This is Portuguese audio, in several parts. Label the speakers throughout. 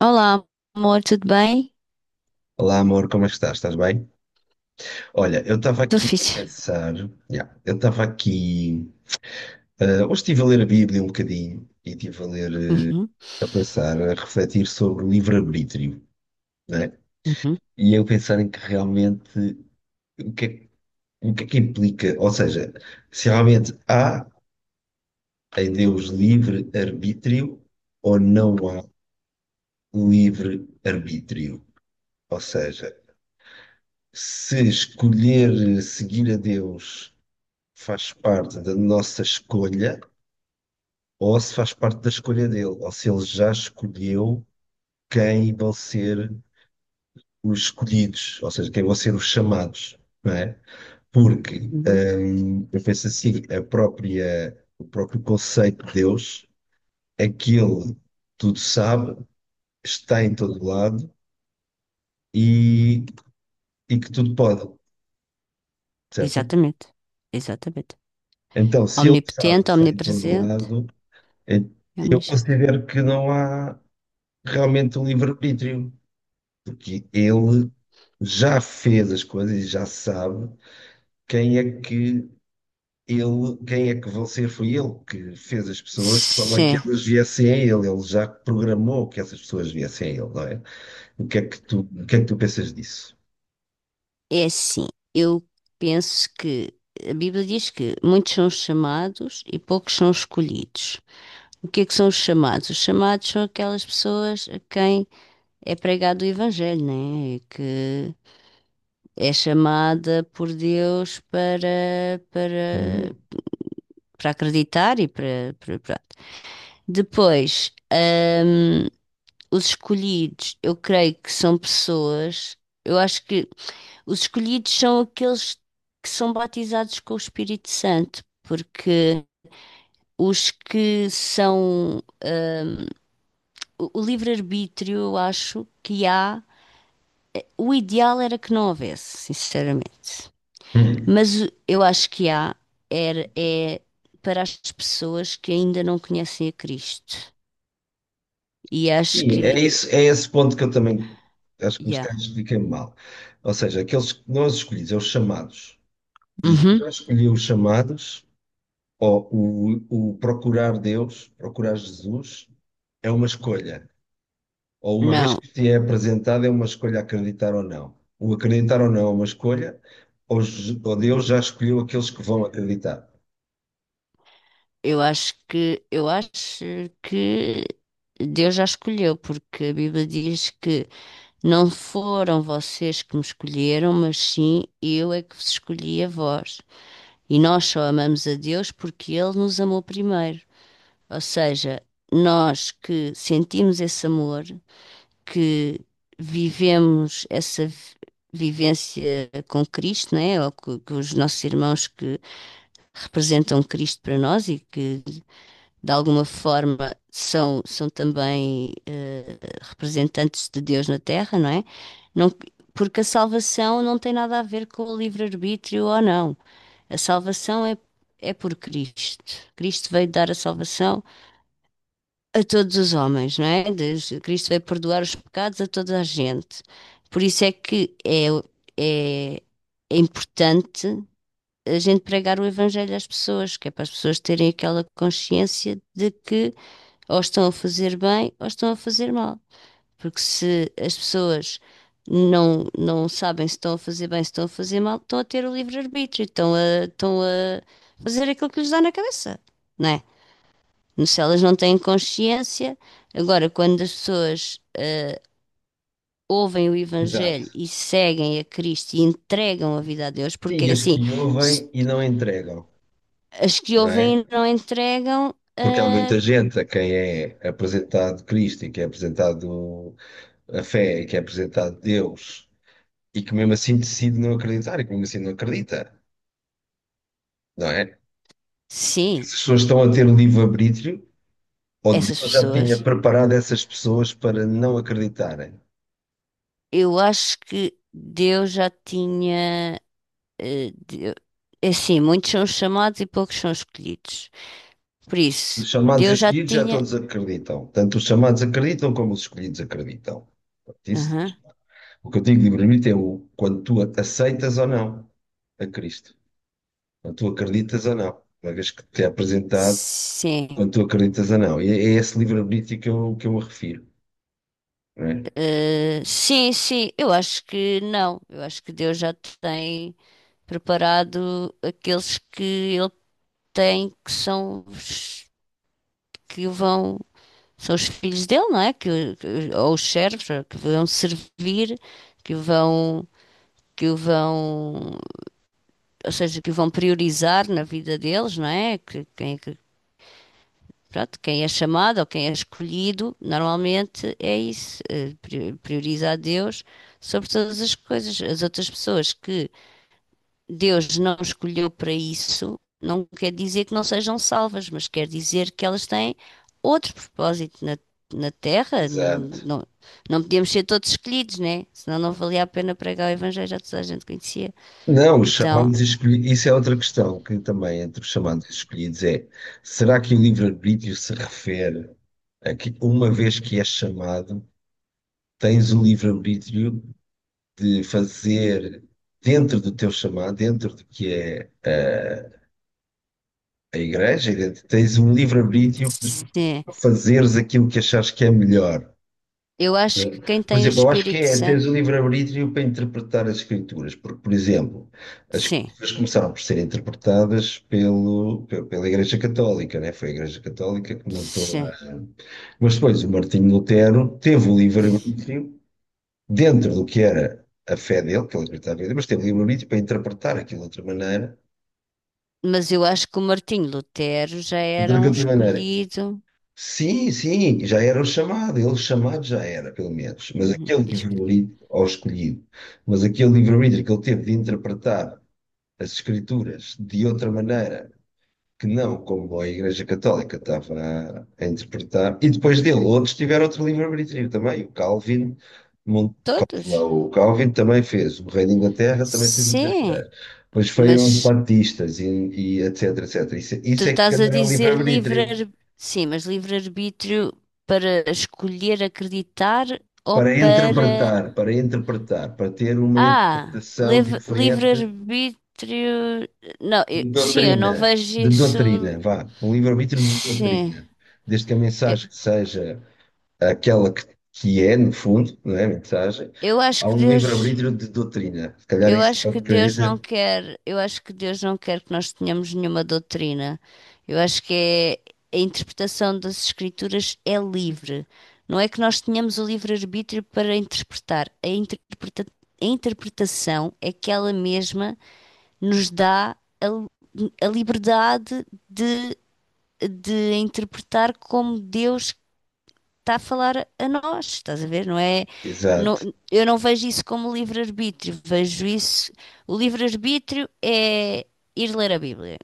Speaker 1: Olá, amor, tudo bem?
Speaker 2: Olá amor, como é que estás? Estás bem? Olha, eu estava
Speaker 1: Tudo
Speaker 2: aqui a
Speaker 1: fixe.
Speaker 2: pensar, yeah, eu estava aqui, hoje estive a ler a Bíblia um bocadinho e estive a ler,
Speaker 1: Uhum,
Speaker 2: a pensar, a refletir sobre o livre-arbítrio, né?
Speaker 1: uhum,
Speaker 2: E eu pensar em que realmente, o que é, o que é que implica, ou seja, se realmente há em Deus livre-arbítrio ou não há livre-arbítrio. Ou seja, se escolher seguir a Deus faz parte da nossa escolha ou se faz parte da escolha dele, ou se ele já escolheu quem vão ser os escolhidos, ou seja, quem vão ser os chamados, não é? Porque
Speaker 1: uhum.
Speaker 2: eu penso assim, a própria, o próprio conceito de Deus, aquele tudo sabe, está em todo lado e, e que tudo pode, certo?
Speaker 1: Exatamente, exatamente.
Speaker 2: Então, se ele sabe,
Speaker 1: Omnipotente,
Speaker 2: está em todo
Speaker 1: omnipresente,
Speaker 2: lado, é,
Speaker 1: é
Speaker 2: eu
Speaker 1: omnisciente.
Speaker 2: considero que não há realmente um livre-arbítrio. Porque ele já fez as coisas e já sabe quem é que quem é que vão ser. Foi ele que fez as pessoas de forma que
Speaker 1: Sim,
Speaker 2: elas viessem a ele. Ele já programou que essas pessoas viessem a ele, não é? O que é que tu pensas disso?
Speaker 1: é assim. Eu penso que a Bíblia diz que muitos são os chamados e poucos são os escolhidos. O que é que são os chamados? Os chamados são aquelas pessoas a quem é pregado o Evangelho, né? Que é chamada por Deus para, para
Speaker 2: Uhum.
Speaker 1: para acreditar e para pronto. Depois, os escolhidos, eu creio que são pessoas, eu acho que os escolhidos são aqueles que são batizados com o Espírito Santo, porque os que são o livre-arbítrio, eu acho que há, o ideal era que não houvesse, sinceramente.
Speaker 2: Uhum.
Speaker 1: Mas eu acho que há, era, é para as pessoas que ainda não conhecem a Cristo. E acho
Speaker 2: E
Speaker 1: que
Speaker 2: é isso, é esse ponto que eu também acho que os
Speaker 1: yeah.
Speaker 2: caras ficam mal. Ou seja, aqueles que nós escolhidos, é os chamados. Jesus
Speaker 1: Uhum.
Speaker 2: já escolheu os chamados. Ó, o procurar Deus, procurar Jesus, é uma escolha. Ou uma vez
Speaker 1: Não,
Speaker 2: que te é apresentado, é uma escolha acreditar ou não. O acreditar ou não é uma escolha, ou Deus já escolheu aqueles que vão acreditar.
Speaker 1: eu acho que Deus já escolheu, porque a Bíblia diz que não foram vocês que me escolheram, mas sim eu é que vos escolhi a vós. E nós só amamos a Deus porque Ele nos amou primeiro. Ou seja, nós que sentimos esse amor, que vivemos vivência com Cristo, né? Ou que os nossos irmãos que representam Cristo para nós e que, de alguma forma, são, são também representantes de Deus na Terra, não é? Não- porque a salvação não tem nada a ver com o livre-arbítrio ou não. A salvação é, é por Cristo. Cristo veio dar a salvação a todos os homens, não é? Cristo veio perdoar os pecados a toda a gente. Por isso é que é, é, é importante a gente pregar o evangelho às pessoas, que é para as pessoas terem aquela consciência de que ou estão a fazer bem ou estão a fazer mal. Porque se as pessoas não sabem se estão a fazer bem, se estão a fazer mal, estão a ter o livre-arbítrio, estão a fazer aquilo que lhes dá na cabeça, não é? Se elas não têm consciência, agora quando as pessoas ouvem o
Speaker 2: Exato.
Speaker 1: Evangelho e seguem a Cristo e entregam a vida a Deus,
Speaker 2: Sim,
Speaker 1: porque
Speaker 2: e
Speaker 1: é
Speaker 2: as
Speaker 1: assim,
Speaker 2: que ouvem
Speaker 1: se
Speaker 2: e não entregam,
Speaker 1: as que
Speaker 2: não
Speaker 1: ouvem
Speaker 2: é?
Speaker 1: e não entregam,
Speaker 2: Porque há muita
Speaker 1: ah,
Speaker 2: gente a quem é apresentado Cristo e que é apresentado a fé e que é apresentado Deus e que mesmo assim decide não acreditar e que mesmo assim não acredita, não é?
Speaker 1: sim,
Speaker 2: Essas pessoas estão a ter livre-arbítrio, ou
Speaker 1: essas
Speaker 2: Deus já tinha
Speaker 1: pessoas.
Speaker 2: preparado essas pessoas para não acreditarem.
Speaker 1: Eu acho que Deus já tinha. eh, Deu- É assim, muitos são os chamados e poucos são os escolhidos. Por isso,
Speaker 2: Os chamados e
Speaker 1: Deus
Speaker 2: os
Speaker 1: já
Speaker 2: escolhidos já
Speaker 1: tinha.
Speaker 2: todos acreditam. Tanto os chamados acreditam como os escolhidos acreditam. Portanto,
Speaker 1: Aham,
Speaker 2: o que eu digo de livre-arbítrio é quando tu aceitas ou não a Cristo. Quando tu acreditas ou não. Uma vez que te é apresentado,
Speaker 1: sim.
Speaker 2: quando tu acreditas ou não. E é esse livre-arbítrio que eu me refiro, não é?
Speaker 1: Sim, sim, eu acho que não. Eu acho que Deus já tem preparado aqueles que ele tem, que são os que vão. São os filhos dele, não é? Que ou os servos, ou que vão servir, que vão, que o vão, ou seja, que o vão priorizar na vida deles, não é? Que, quem, é pronto, quem é chamado ou quem é escolhido, normalmente é isso, prioriza a Deus sobre todas as coisas. As outras pessoas que Deus não escolheu para isso, não quer dizer que não sejam salvas, mas quer dizer que elas têm outro propósito na Terra. Não,
Speaker 2: Exato.
Speaker 1: não, não podíamos ser todos escolhidos, né? Senão não valia a pena pregar o Evangelho, já toda a gente conhecia.
Speaker 2: Não, os
Speaker 1: Então,
Speaker 2: chamados e escolhidos, isso é outra questão que também entre os chamados e escolhidos é: será que o livre-arbítrio se refere a que, uma vez que és chamado, tens o livre-arbítrio de fazer dentro do teu chamado, dentro do que é a igreja, e tens um livre-arbítrio
Speaker 1: sim,
Speaker 2: para fazeres aquilo que achares que é melhor?
Speaker 1: eu acho que quem
Speaker 2: Por
Speaker 1: tem o
Speaker 2: exemplo, eu acho que
Speaker 1: Espírito
Speaker 2: é teres
Speaker 1: Santo,
Speaker 2: o livre-arbítrio para interpretar as escrituras, porque, por exemplo, as
Speaker 1: sim,
Speaker 2: escrituras começaram por ser interpretadas pela Igreja Católica, né? Foi a Igreja Católica que montou a.
Speaker 1: sim.
Speaker 2: Mas depois o Martinho Lutero teve o livre-arbítrio dentro do que era a fé dele, que ele acreditava em Deus, mas teve o livre-arbítrio para interpretar aquilo de outra maneira.
Speaker 1: Mas eu acho que o Martinho Lutero já
Speaker 2: De
Speaker 1: era um
Speaker 2: outra maneira.
Speaker 1: escolhido.
Speaker 2: Sim, sim, já era o chamado, ele chamado já era, pelo menos. Mas
Speaker 1: Uhum,
Speaker 2: aquele
Speaker 1: escolhido.
Speaker 2: livro-livro, ao escolhido, mas aquele livro-livro que ele teve de interpretar as Escrituras de outra maneira, que não como a Igreja Católica estava a interpretar, e depois dele, outros tiveram outro livro-livro também. O Calvin, Mon-
Speaker 1: Todos?
Speaker 2: lá, o Calvin também fez, o Rei da Inglaterra também fez outra
Speaker 1: Sim,
Speaker 2: coisa. Depois foram os
Speaker 1: mas
Speaker 2: Batistas e etc, etc.
Speaker 1: tu
Speaker 2: Isso é que
Speaker 1: estás a
Speaker 2: era
Speaker 1: dizer
Speaker 2: livre
Speaker 1: livre,
Speaker 2: livro
Speaker 1: sim, mas livre-arbítrio para escolher acreditar ou
Speaker 2: para
Speaker 1: para.
Speaker 2: interpretar, para interpretar, para ter uma
Speaker 1: Ah,
Speaker 2: interpretação diferente
Speaker 1: livre-arbítrio. Não, sim, eu não vejo
Speaker 2: de
Speaker 1: isso.
Speaker 2: doutrina, vá, um livre-arbítrio de
Speaker 1: Sim,
Speaker 2: doutrina, desde que a
Speaker 1: eu,
Speaker 2: mensagem seja aquela que é, no fundo, não é a mensagem,
Speaker 1: eu acho
Speaker 2: há
Speaker 1: que
Speaker 2: um
Speaker 1: Deus.
Speaker 2: livre-arbítrio de doutrina, se calhar é
Speaker 1: Eu
Speaker 2: isso que
Speaker 1: acho
Speaker 2: eu
Speaker 1: que
Speaker 2: queria
Speaker 1: Deus não
Speaker 2: dizer.
Speaker 1: quer, eu acho que Deus não quer que nós tenhamos nenhuma doutrina. Eu acho que é, a interpretação das Escrituras é livre. Não é que nós tenhamos o livre-arbítrio para interpretar. A interpretação é que ela mesma nos dá a liberdade de interpretar como Deus está a falar a nós, estás a ver? Não é, não-
Speaker 2: Exato.
Speaker 1: eu não vejo isso como livre-arbítrio, vejo isso. O livre-arbítrio é ir ler a Bíblia,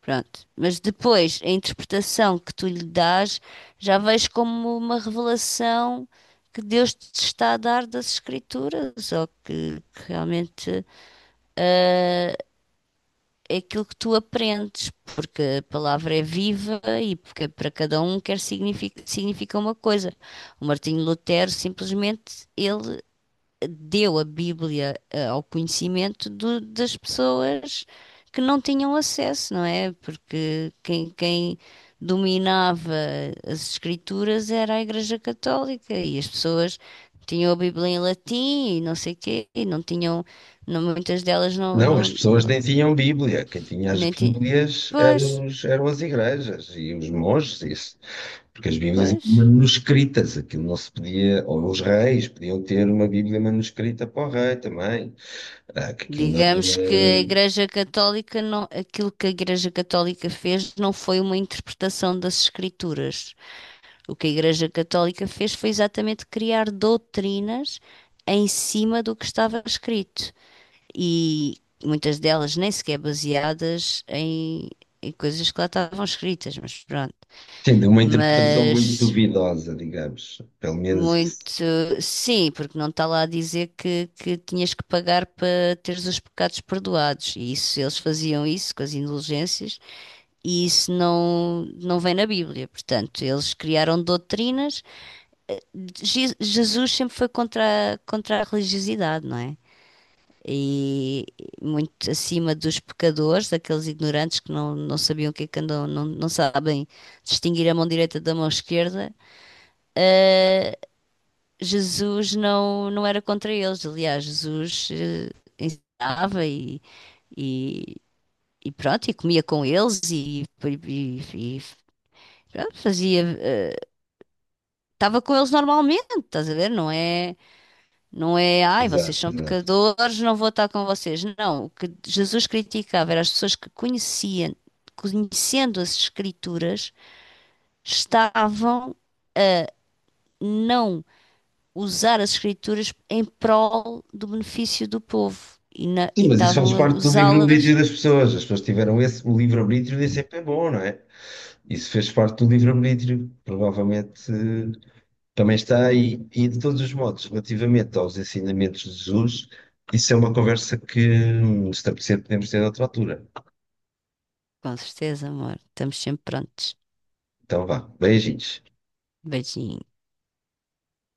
Speaker 1: pronto. Mas depois, a interpretação que tu lhe dás, já vejo como uma revelação que Deus te está a dar das Escrituras, ou que realmente. É aquilo que tu aprendes, porque a palavra é viva e porque para cada um quer significa, significa uma coisa. O Martinho Lutero simplesmente ele deu a Bíblia ao conhecimento das pessoas que não tinham acesso, não é? Porque quem dominava as escrituras era a Igreja Católica e as pessoas tinham a Bíblia em latim e não sei quê, e não tinham, muitas delas não,
Speaker 2: Não, as pessoas nem tinham Bíblia, quem tinha as
Speaker 1: nem, ti-
Speaker 2: Bíblias
Speaker 1: Pois,
Speaker 2: eram as igrejas e os monges, isso. Porque as Bíblias eram
Speaker 1: pois.
Speaker 2: manuscritas, aquilo não se podia, ou os reis podiam ter uma Bíblia manuscrita para o rei também. Ah, que aquilo não
Speaker 1: Digamos que a
Speaker 2: era,
Speaker 1: Igreja Católica não, aquilo que a Igreja Católica fez não foi uma interpretação das Escrituras. O que a Igreja Católica fez foi exatamente criar doutrinas em cima do que estava escrito. E muitas delas nem sequer baseadas em, em coisas que lá estavam escritas, mas pronto.
Speaker 2: tendo uma interpretação muito
Speaker 1: Mas
Speaker 2: duvidosa, digamos, pelo menos
Speaker 1: muito,
Speaker 2: isso.
Speaker 1: sim, porque não está lá a dizer que tinhas que pagar para teres os pecados perdoados. E isso, eles faziam isso com as indulgências, e isso não, não vem na Bíblia. Portanto, eles criaram doutrinas. Jesus sempre foi contra, contra a religiosidade, não é? E muito acima dos pecadores, daqueles ignorantes que não sabiam o que é que andam, não sabem distinguir a mão direita da mão esquerda. Jesus não, não era contra eles. Aliás, Jesus ensinava e, e pronto, e comia com eles pronto, fazia, estava com eles normalmente, estás a ver? Não é, não é, ai, vocês
Speaker 2: Exato,
Speaker 1: são
Speaker 2: exato.
Speaker 1: pecadores, não vou estar com vocês. Não, o que Jesus criticava era as pessoas que conheciam, conhecendo as Escrituras, estavam não usar as escrituras em prol do benefício do povo e
Speaker 2: Sim, mas isso faz
Speaker 1: estavam a
Speaker 2: parte do
Speaker 1: usá-las.
Speaker 2: livre-arbítrio das pessoas, as pessoas tiveram esse, o livre-arbítrio nem sempre é bom, não é? Isso fez parte do livre-arbítrio, provavelmente também está aí, e de todos os modos, relativamente aos ensinamentos de Jesus, isso é uma conversa que se te podemos ter noutra altura.
Speaker 1: Com certeza, amor. Estamos sempre prontos.
Speaker 2: Então vá, beijinhos.
Speaker 1: Beijinho.